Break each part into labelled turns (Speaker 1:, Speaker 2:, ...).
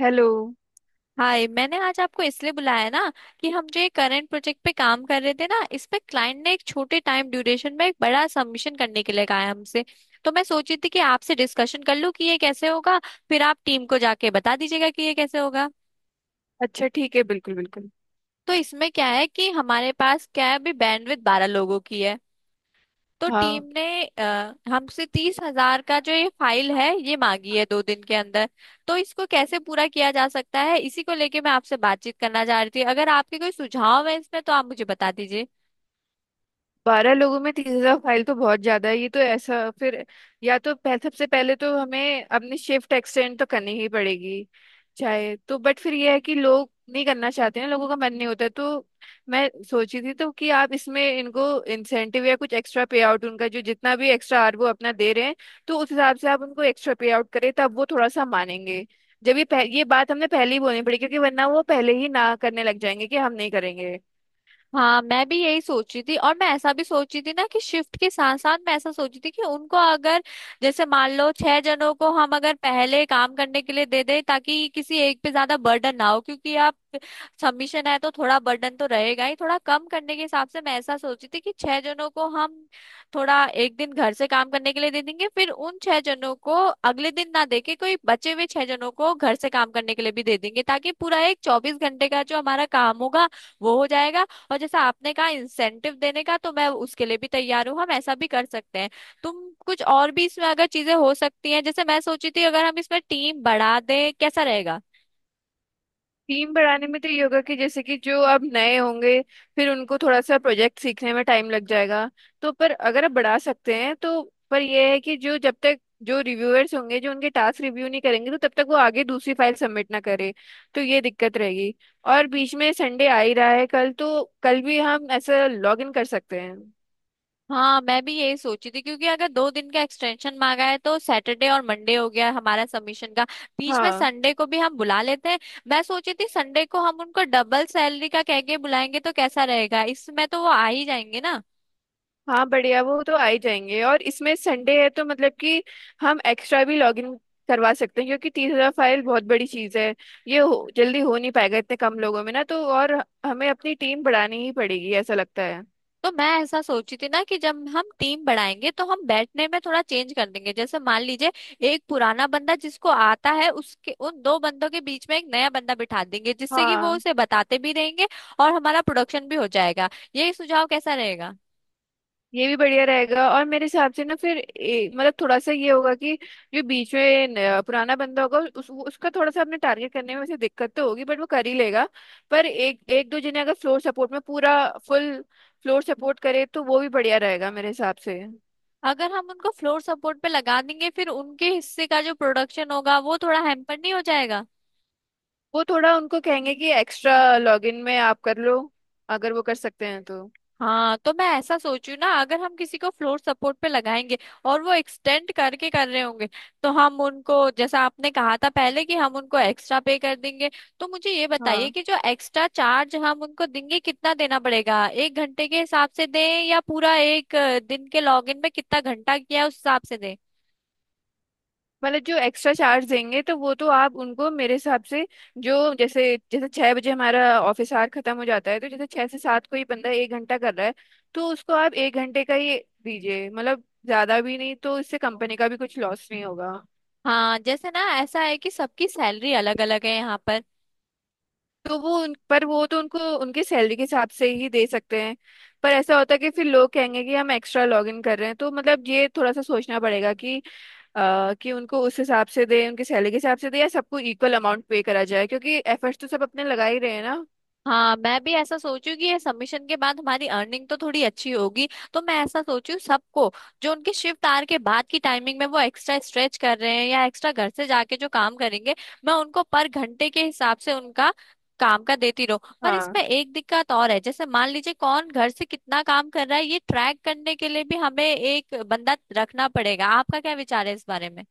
Speaker 1: Hello.
Speaker 2: Hi, मैंने आज आपको इसलिए बुलाया ना कि हम जो ये करंट प्रोजेक्ट पे काम कर रहे थे ना, इस पे क्लाइंट ने एक छोटे टाइम ड्यूरेशन में एक बड़ा सबमिशन करने के लिए कहा है हमसे। तो मैं सोची थी कि आपसे डिस्कशन कर लूं कि ये कैसे होगा, फिर आप टीम को जाके बता दीजिएगा कि ये कैसे होगा।
Speaker 1: अच्छा, ठीक है, बिल्कुल बिल्कुल।
Speaker 2: तो इसमें क्या है कि हमारे पास क्या है, अभी बैंडविड्थ 12 लोगों की है। तो टीम
Speaker 1: हाँ।
Speaker 2: ने हमसे 30,000 का जो ये फाइल है ये मांगी है 2 दिन के अंदर। तो इसको कैसे पूरा किया जा सकता है, इसी को लेके मैं आपसे बातचीत करना चाह रही थी। अगर आपके कोई सुझाव है इसमें तो आप मुझे बता दीजिए।
Speaker 1: 12 लोगों में 30,000 फाइल तो बहुत ज्यादा है, ये तो ऐसा फिर सबसे पहले तो हमें अपनी शिफ्ट एक्सटेंड तो करनी ही पड़ेगी चाहे तो, बट फिर ये है कि लोग नहीं करना चाहते हैं, लोगों का मन नहीं होता है। तो मैं सोची थी तो कि आप इसमें इनको इंसेंटिव या कुछ एक्स्ट्रा पे आउट उनका जो जितना भी एक्स्ट्रा आर वो अपना दे रहे हैं, तो उस हिसाब से आप उनको एक्स्ट्रा पे आउट करें तब वो थोड़ा सा मानेंगे। जब ये ये बात हमने पहले ही बोलनी पड़ेगी क्योंकि वरना वो पहले ही ना करने लग जाएंगे कि हम नहीं करेंगे।
Speaker 2: हाँ, मैं भी यही सोच रही थी, और मैं ऐसा भी सोच रही थी ना कि शिफ्ट के साथ साथ मैं ऐसा सोच रही थी कि उनको अगर, जैसे मान लो, 6 जनों को हम अगर पहले काम करने के लिए दे दें ताकि किसी एक पे ज्यादा बर्डन ना हो। क्योंकि आप, सबमिशन है तो थोड़ा बर्डन तो रहेगा ही, थोड़ा कम करने के हिसाब से मैं ऐसा सोची थी कि 6 जनों को हम थोड़ा एक दिन घर से काम करने के लिए दे देंगे, फिर उन 6 जनों को अगले दिन ना देके कोई बचे हुए 6 जनों को घर से काम करने के लिए भी दे देंगे, ताकि पूरा एक 24 घंटे का जो हमारा काम होगा वो हो जाएगा। और जैसा आपने कहा इंसेंटिव देने का, तो मैं उसके लिए भी तैयार हूँ, हम ऐसा भी कर सकते हैं। तुम कुछ और भी इसमें अगर चीजें हो सकती हैं, जैसे मैं सोची थी अगर हम इसमें टीम बढ़ा दें, कैसा रहेगा?
Speaker 1: टीम बढ़ाने में तो योगा के जैसे कि जो अब नए होंगे, फिर उनको थोड़ा सा प्रोजेक्ट सीखने में टाइम लग जाएगा, तो पर अगर आप बढ़ा सकते हैं तो। पर यह है कि जो जब तक जो रिव्यूअर्स होंगे जो उनके टास्क रिव्यू नहीं करेंगे तो तब तक वो आगे दूसरी फाइल सबमिट ना करे, तो ये दिक्कत रहेगी। और बीच में संडे आ ही रहा है, कल तो कल भी हम ऐसा लॉग इन कर सकते हैं।
Speaker 2: हाँ, मैं भी यही सोची थी क्योंकि अगर 2 दिन का एक्सटेंशन मांगा है, तो सैटरडे और मंडे हो गया हमारा सबमिशन का। बीच में
Speaker 1: हाँ।
Speaker 2: संडे को भी हम बुला लेते हैं। मैं सोची थी संडे को हम उनको डबल सैलरी का कह के बुलाएंगे, तो कैसा रहेगा इसमें? तो वो आ ही जाएंगे ना।
Speaker 1: हाँ, बढ़िया, वो तो आ ही जाएंगे और इसमें संडे है तो मतलब कि हम एक्स्ट्रा भी लॉग इन करवा सकते हैं क्योंकि 30,000 फाइल बहुत बड़ी चीज़ है। जल्दी हो नहीं पाएगा इतने कम लोगों में ना, तो और हमें अपनी टीम बढ़ानी ही पड़ेगी ऐसा लगता है।
Speaker 2: तो मैं ऐसा सोची थी ना कि जब हम टीम बढ़ाएंगे तो हम बैठने में थोड़ा चेंज कर देंगे। जैसे मान लीजिए, एक पुराना बंदा जिसको आता है उसके, उन 2 बंदों के बीच में एक नया बंदा बिठा देंगे, जिससे कि वो
Speaker 1: हाँ,
Speaker 2: उसे बताते भी रहेंगे और हमारा प्रोडक्शन भी हो जाएगा। ये सुझाव कैसा रहेगा?
Speaker 1: ये भी बढ़िया रहेगा और मेरे हिसाब से ना फिर मतलब थोड़ा सा ये होगा कि जो बीच में पुराना बंदा होगा उसका थोड़ा सा अपने टारगेट करने में वैसे दिक्कत तो होगी बट वो कर ही लेगा। पर एक एक दो जने अगर फ्लोर सपोर्ट में पूरा फुल फ्लोर सपोर्ट करे तो वो भी बढ़िया रहेगा मेरे हिसाब से।
Speaker 2: अगर हम उनको फ्लोर सपोर्ट पे लगा देंगे, फिर उनके हिस्से का जो प्रोडक्शन होगा वो थोड़ा हैम्पर नहीं हो जाएगा?
Speaker 1: वो थोड़ा उनको कहेंगे कि एक्स्ट्रा लॉगिन में आप कर लो अगर वो कर सकते हैं तो।
Speaker 2: हाँ, तो मैं ऐसा सोचू ना, अगर हम किसी को फ्लोर सपोर्ट पे लगाएंगे और वो एक्सटेंड करके कर रहे होंगे, तो हम उनको जैसा आपने कहा था पहले, कि हम उनको एक्स्ट्रा पे कर देंगे। तो मुझे ये बताइए
Speaker 1: हाँ।
Speaker 2: कि जो एक्स्ट्रा चार्ज हम उनको देंगे कितना देना पड़ेगा, एक घंटे के हिसाब से दें या पूरा एक दिन के लॉगिन में कितना घंटा किया है उस हिसाब से दें?
Speaker 1: मतलब जो एक्स्ट्रा चार्ज देंगे तो वो तो आप उनको मेरे हिसाब से, जो जैसे जैसे 6 बजे हमारा ऑफिस आवर खत्म हो जाता है तो जैसे 6 से 7 कोई बंदा 1 घंटा कर रहा है तो उसको आप 1 घंटे का ही दीजिए, मतलब ज्यादा भी नहीं, तो इससे कंपनी का भी कुछ लॉस नहीं होगा।
Speaker 2: हाँ, जैसे ना ऐसा है कि सबकी सैलरी अलग अलग है यहाँ पर।
Speaker 1: तो वो उन पर वो तो उनको उनकी सैलरी के हिसाब से ही दे सकते हैं, पर ऐसा होता है कि फिर लोग कहेंगे कि हम एक्स्ट्रा लॉग इन कर रहे हैं, तो मतलब ये थोड़ा सा सोचना पड़ेगा कि कि उनको उस हिसाब से दे उनकी सैलरी के हिसाब से दे या सबको इक्वल अमाउंट पे करा जाए क्योंकि एफर्ट्स तो सब अपने लगा ही रहे हैं ना।
Speaker 2: हाँ, मैं भी ऐसा सोचू कि ये सबमिशन के बाद हमारी अर्निंग तो थोड़ी अच्छी होगी। तो मैं ऐसा सोचू, सबको जो उनके शिफ्ट आर के बाद की टाइमिंग में वो एक्स्ट्रा स्ट्रेच कर रहे हैं या एक्स्ट्रा घर से जाके जो काम करेंगे, मैं उनको पर घंटे के हिसाब से उनका काम का देती रहूं। पर
Speaker 1: हाँ।
Speaker 2: इसमें एक दिक्कत और है, जैसे मान लीजिए कौन घर से कितना काम कर रहा है ये ट्रैक करने के लिए भी हमें एक बंदा रखना पड़ेगा। आपका क्या विचार है इस बारे में?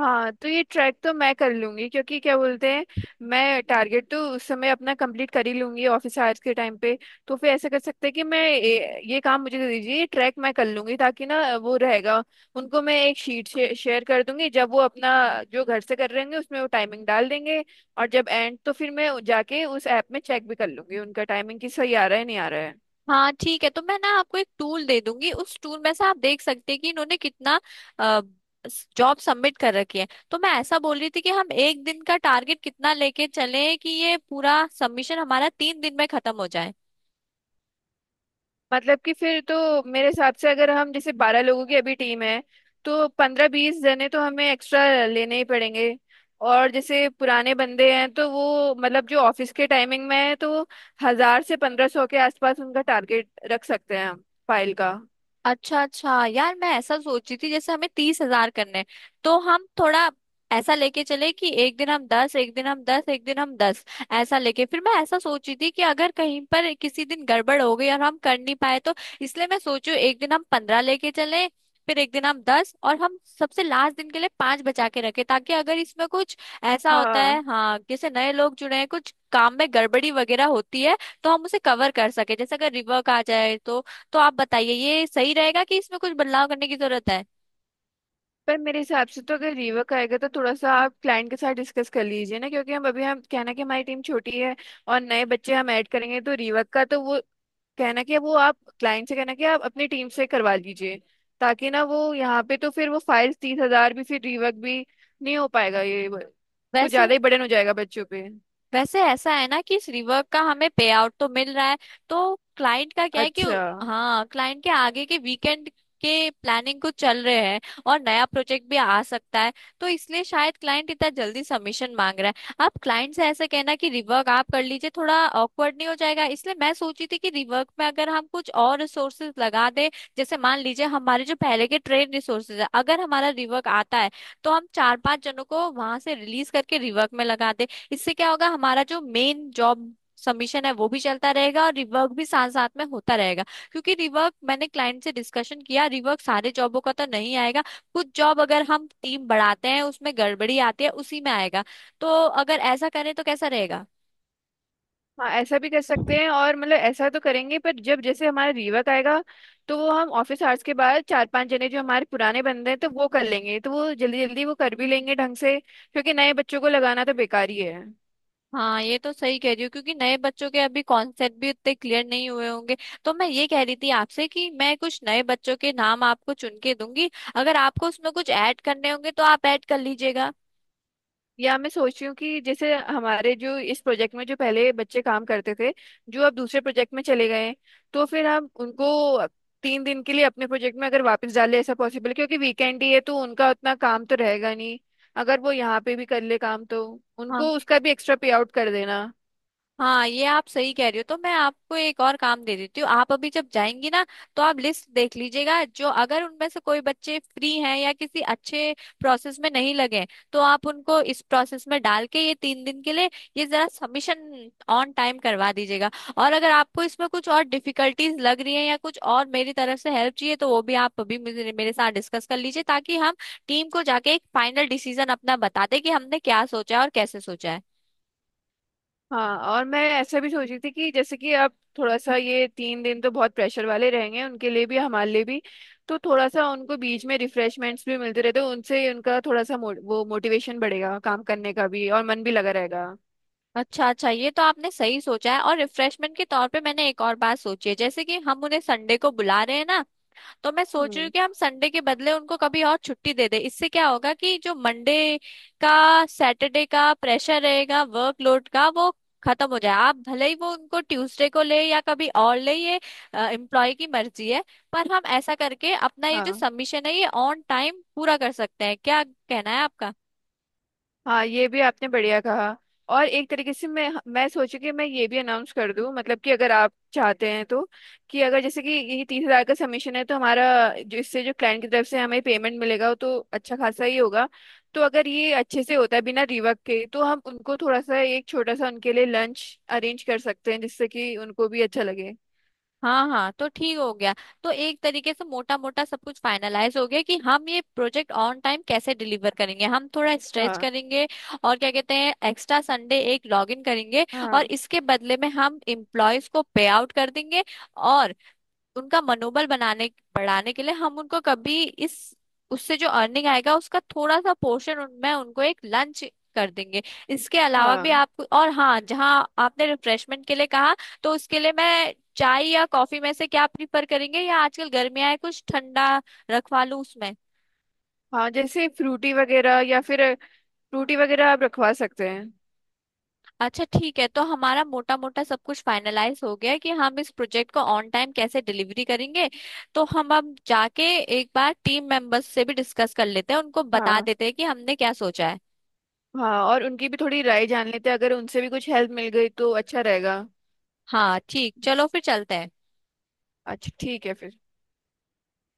Speaker 1: हाँ, तो ये ट्रैक तो मैं कर लूंगी क्योंकि क्या बोलते हैं, मैं टारगेट तो उस समय अपना कंप्लीट कर ही लूंगी ऑफिस आवर्स के टाइम पे, तो फिर ऐसा कर सकते हैं कि मैं ये काम मुझे दे दीजिए, ये ट्रैक मैं कर लूंगी ताकि ना वो रहेगा। उनको मैं एक शीट शेयर कर दूंगी जब वो अपना जो घर से कर रहे होंगे उसमें वो टाइमिंग डाल देंगे और जब एंड तो फिर मैं जाके उस ऐप में चेक भी कर लूंगी उनका टाइमिंग कि सही आ रहा है नहीं आ रहा है।
Speaker 2: हाँ ठीक है, तो मैं ना आपको एक टूल दे दूंगी, उस टूल में से आप देख सकते हैं कि इन्होंने कितना जॉब सबमिट कर रखी है। तो मैं ऐसा बोल रही थी कि हम एक दिन का टारगेट कितना लेके चले कि ये पूरा सबमिशन हमारा 3 दिन में खत्म हो जाए।
Speaker 1: मतलब कि फिर तो मेरे हिसाब से अगर हम जैसे 12 लोगों की अभी टीम है तो 15-20 जने तो हमें एक्स्ट्रा लेने ही पड़ेंगे, और जैसे पुराने बंदे हैं तो वो मतलब जो ऑफिस के टाइमिंग में है तो वो 1,000 से 1,500 के आसपास उनका टारगेट रख सकते हैं हम, फाइल का।
Speaker 2: अच्छा अच्छा यार, मैं ऐसा सोची थी, जैसे हमें 30,000 करने हैं, तो हम थोड़ा ऐसा लेके चले कि एक दिन हम 10, एक दिन हम दस, एक दिन हम दस। ऐसा लेके फिर मैं ऐसा सोची थी कि अगर कहीं पर किसी दिन गड़बड़ हो गई और हम कर नहीं पाए, तो इसलिए मैं सोचू एक दिन हम 15 लेके चले, फिर एक दिन हम दस, और हम सबसे लास्ट दिन के लिए 5 बचा के रखें, ताकि अगर इसमें कुछ ऐसा होता है,
Speaker 1: हाँ।
Speaker 2: हाँ जैसे नए लोग जुड़े हैं, कुछ काम में गड़बड़ी वगैरह होती है तो हम उसे कवर कर सके। जैसे अगर रिवर्क आ जाए तो आप बताइए ये सही रहेगा कि इसमें कुछ बदलाव करने की जरूरत है?
Speaker 1: पर मेरे हिसाब से तो अगर रीवर्क आएगा तो थोड़ा सा आप क्लाइंट के साथ डिस्कस कर लीजिए ना, क्योंकि हम अभी हम कहना कि हमारी टीम छोटी है और नए बच्चे हम ऐड करेंगे तो रीवर्क का तो वो कहना कि वो आप क्लाइंट से कहना कि आप अपनी टीम से करवा लीजिए, ताकि ना वो यहाँ पे तो फिर वो फाइल्स 30,000 भी फिर रिवर्क भी नहीं हो पाएगा कुछ
Speaker 2: वैसे
Speaker 1: ज्यादा ही बर्डन हो जाएगा बच्चों पे।
Speaker 2: वैसे ऐसा है ना कि इस रिवर्क का हमें पे आउट तो मिल रहा है। तो क्लाइंट का क्या है कि,
Speaker 1: अच्छा।
Speaker 2: हाँ, क्लाइंट के आगे के वीकेंड के प्लानिंग कुछ चल रहे हैं और नया प्रोजेक्ट भी आ सकता है, तो इसलिए शायद क्लाइंट इतना जल्दी सबमिशन मांग रहा है। आप क्लाइंट से ऐसे कहना कि रिवर्क आप कर लीजिए, थोड़ा ऑकवर्ड नहीं हो जाएगा? इसलिए मैं सोची थी कि रिवर्क में अगर हम कुछ और रिसोर्सेज लगा दें, जैसे मान लीजिए हमारे जो पहले के ट्रेन रिसोर्सेज है, अगर हमारा रिवर्क आता है तो हम 4-5 जनों को वहां से रिलीज करके रिवर्क में लगा दें। इससे क्या होगा, हमारा जो मेन जॉब सबमिशन है वो भी चलता रहेगा और रिवर्क भी साथ साथ में होता रहेगा। क्योंकि रिवर्क मैंने क्लाइंट से डिस्कशन किया, रिवर्क सारे जॉबों का तो नहीं आएगा, कुछ जॉब अगर हम टीम बढ़ाते हैं उसमें गड़बड़ी आती है उसी में आएगा। तो अगर ऐसा करें तो कैसा रहेगा?
Speaker 1: हाँ, ऐसा भी कर सकते हैं और मतलब ऐसा तो करेंगे, पर जब जैसे हमारा रीवर्क आएगा तो वो हम ऑफिस आवर्स के बाद 4-5 जने जो हमारे पुराने बंदे हैं तो वो कर लेंगे, तो वो जल्दी जल्दी वो कर भी लेंगे ढंग से क्योंकि नए बच्चों को लगाना तो बेकार ही है।
Speaker 2: हाँ ये तो सही कह रही हो, क्योंकि नए बच्चों के अभी कॉन्सेप्ट भी उतने क्लियर नहीं हुए होंगे। तो मैं ये कह रही थी आपसे कि मैं कुछ नए बच्चों के नाम आपको चुन के दूंगी, अगर आपको उसमें कुछ ऐड करने होंगे तो आप ऐड कर लीजिएगा।
Speaker 1: या मैं सोच रही हूँ कि जैसे हमारे जो इस प्रोजेक्ट में जो पहले बच्चे काम करते थे, जो अब दूसरे प्रोजेक्ट में चले गए हैं, तो फिर हम उनको 3 दिन के लिए अपने प्रोजेक्ट में अगर वापस डाले ऐसा पॉसिबल है क्योंकि वीकेंड ही है तो उनका उतना काम तो रहेगा नहीं, अगर वो यहाँ पे भी कर ले काम तो
Speaker 2: हाँ
Speaker 1: उनको उसका भी एक्स्ट्रा पे आउट कर देना।
Speaker 2: हाँ ये आप सही कह रही हो, तो मैं आपको एक और काम दे देती हूँ। आप अभी जब जाएंगी ना, तो आप लिस्ट देख लीजिएगा, जो अगर उनमें से कोई बच्चे फ्री हैं या किसी अच्छे प्रोसेस में नहीं लगे हैं, तो आप उनको इस प्रोसेस में डाल के ये 3 दिन के लिए ये जरा सबमिशन ऑन टाइम करवा दीजिएगा। और अगर आपको इसमें कुछ और डिफिकल्टीज लग रही है या कुछ और मेरी तरफ से हेल्प चाहिए, तो वो भी आप अभी मुझे, मेरे साथ डिस्कस कर लीजिए, ताकि हम टीम को जाके एक फाइनल डिसीजन अपना बताते कि हमने क्या सोचा है और कैसे सोचा है।
Speaker 1: हाँ, और मैं ऐसा भी सोच रही थी कि जैसे कि अब थोड़ा सा ये 3 दिन तो बहुत प्रेशर वाले रहेंगे उनके लिए भी हमारे लिए भी, तो थोड़ा सा उनको बीच में रिफ्रेशमेंट्स भी मिलते रहते हैं उनसे उनका थोड़ा सा वो मोटिवेशन बढ़ेगा काम करने का भी और मन भी लगा रहेगा।
Speaker 2: अच्छा अच्छा, ये तो आपने सही सोचा है। और रिफ्रेशमेंट के तौर पे मैंने एक और बात सोची है, जैसे कि हम उन्हें संडे को बुला रहे हैं ना, तो मैं सोच रही हूँ
Speaker 1: हम्म।
Speaker 2: कि हम संडे के बदले उनको कभी और छुट्टी दे दे। इससे क्या होगा कि जो मंडे का, सैटरडे का प्रेशर रहेगा वर्कलोड का वो खत्म हो जाए। आप भले ही वो उनको ट्यूसडे को ले या कभी और ले, ये एम्प्लॉय की मर्जी है। पर हम ऐसा करके अपना ये जो
Speaker 1: हाँ।
Speaker 2: सबमिशन है ये ऑन टाइम पूरा कर सकते हैं, क्या कहना है आपका?
Speaker 1: हाँ, ये भी आपने बढ़िया कहा, और एक तरीके से मैं सोची कि मैं ये भी अनाउंस कर दूं मतलब कि अगर आप चाहते हैं तो, कि अगर जैसे कि ये 30,000 का सबमिशन है तो हमारा जो इससे जो क्लाइंट की तरफ से हमें पेमेंट मिलेगा वो तो अच्छा खासा ही होगा, तो अगर ये अच्छे से होता है बिना रिवर्क के तो हम उनको थोड़ा सा एक छोटा सा उनके लिए लंच अरेंज कर सकते हैं जिससे कि उनको भी अच्छा लगे।
Speaker 2: हाँ हाँ, तो ठीक हो गया। तो एक तरीके से मोटा मोटा सब कुछ फाइनलाइज हो गया कि हम ये प्रोजेक्ट ऑन टाइम कैसे डिलीवर करेंगे। हम थोड़ा स्ट्रेच
Speaker 1: हाँ
Speaker 2: करेंगे, और क्या कहते हैं, एक्स्ट्रा संडे एक लॉग इन करेंगे, और
Speaker 1: हाँ।
Speaker 2: इसके बदले में हम एम्प्लॉयज को पे आउट कर देंगे। और उनका मनोबल बनाने, बढ़ाने के लिए हम उनको कभी इस, उससे जो अर्निंग आएगा उसका थोड़ा सा पोर्शन उनमें, उनको एक लंच कर देंगे। इसके अलावा भी
Speaker 1: हाँ
Speaker 2: आप, और हाँ, जहाँ आपने रिफ्रेशमेंट के लिए कहा, तो उसके लिए मैं चाय या कॉफी में से क्या प्रीफर करेंगे, या आजकल गर्मियाँ है कुछ ठंडा रखवा लूँ उसमें?
Speaker 1: हाँ, जैसे फ्रूटी वगैरह या फिर फ्रूटी वगैरह आप रखवा सकते हैं।
Speaker 2: अच्छा ठीक है, तो हमारा मोटा मोटा सब कुछ फाइनलाइज हो गया है कि हम इस प्रोजेक्ट को ऑन टाइम कैसे डिलीवरी करेंगे। तो हम अब जाके एक बार टीम मेंबर्स से भी डिस्कस कर लेते हैं, उनको बता
Speaker 1: हाँ,
Speaker 2: देते हैं कि हमने क्या सोचा है।
Speaker 1: हाँ और उनकी भी थोड़ी राय जान लेते हैं अगर उनसे भी कुछ हेल्प मिल गई तो अच्छा रहेगा।
Speaker 2: हाँ ठीक,
Speaker 1: जी।
Speaker 2: चलो फिर चलते हैं।
Speaker 1: अच्छा, ठीक है फिर।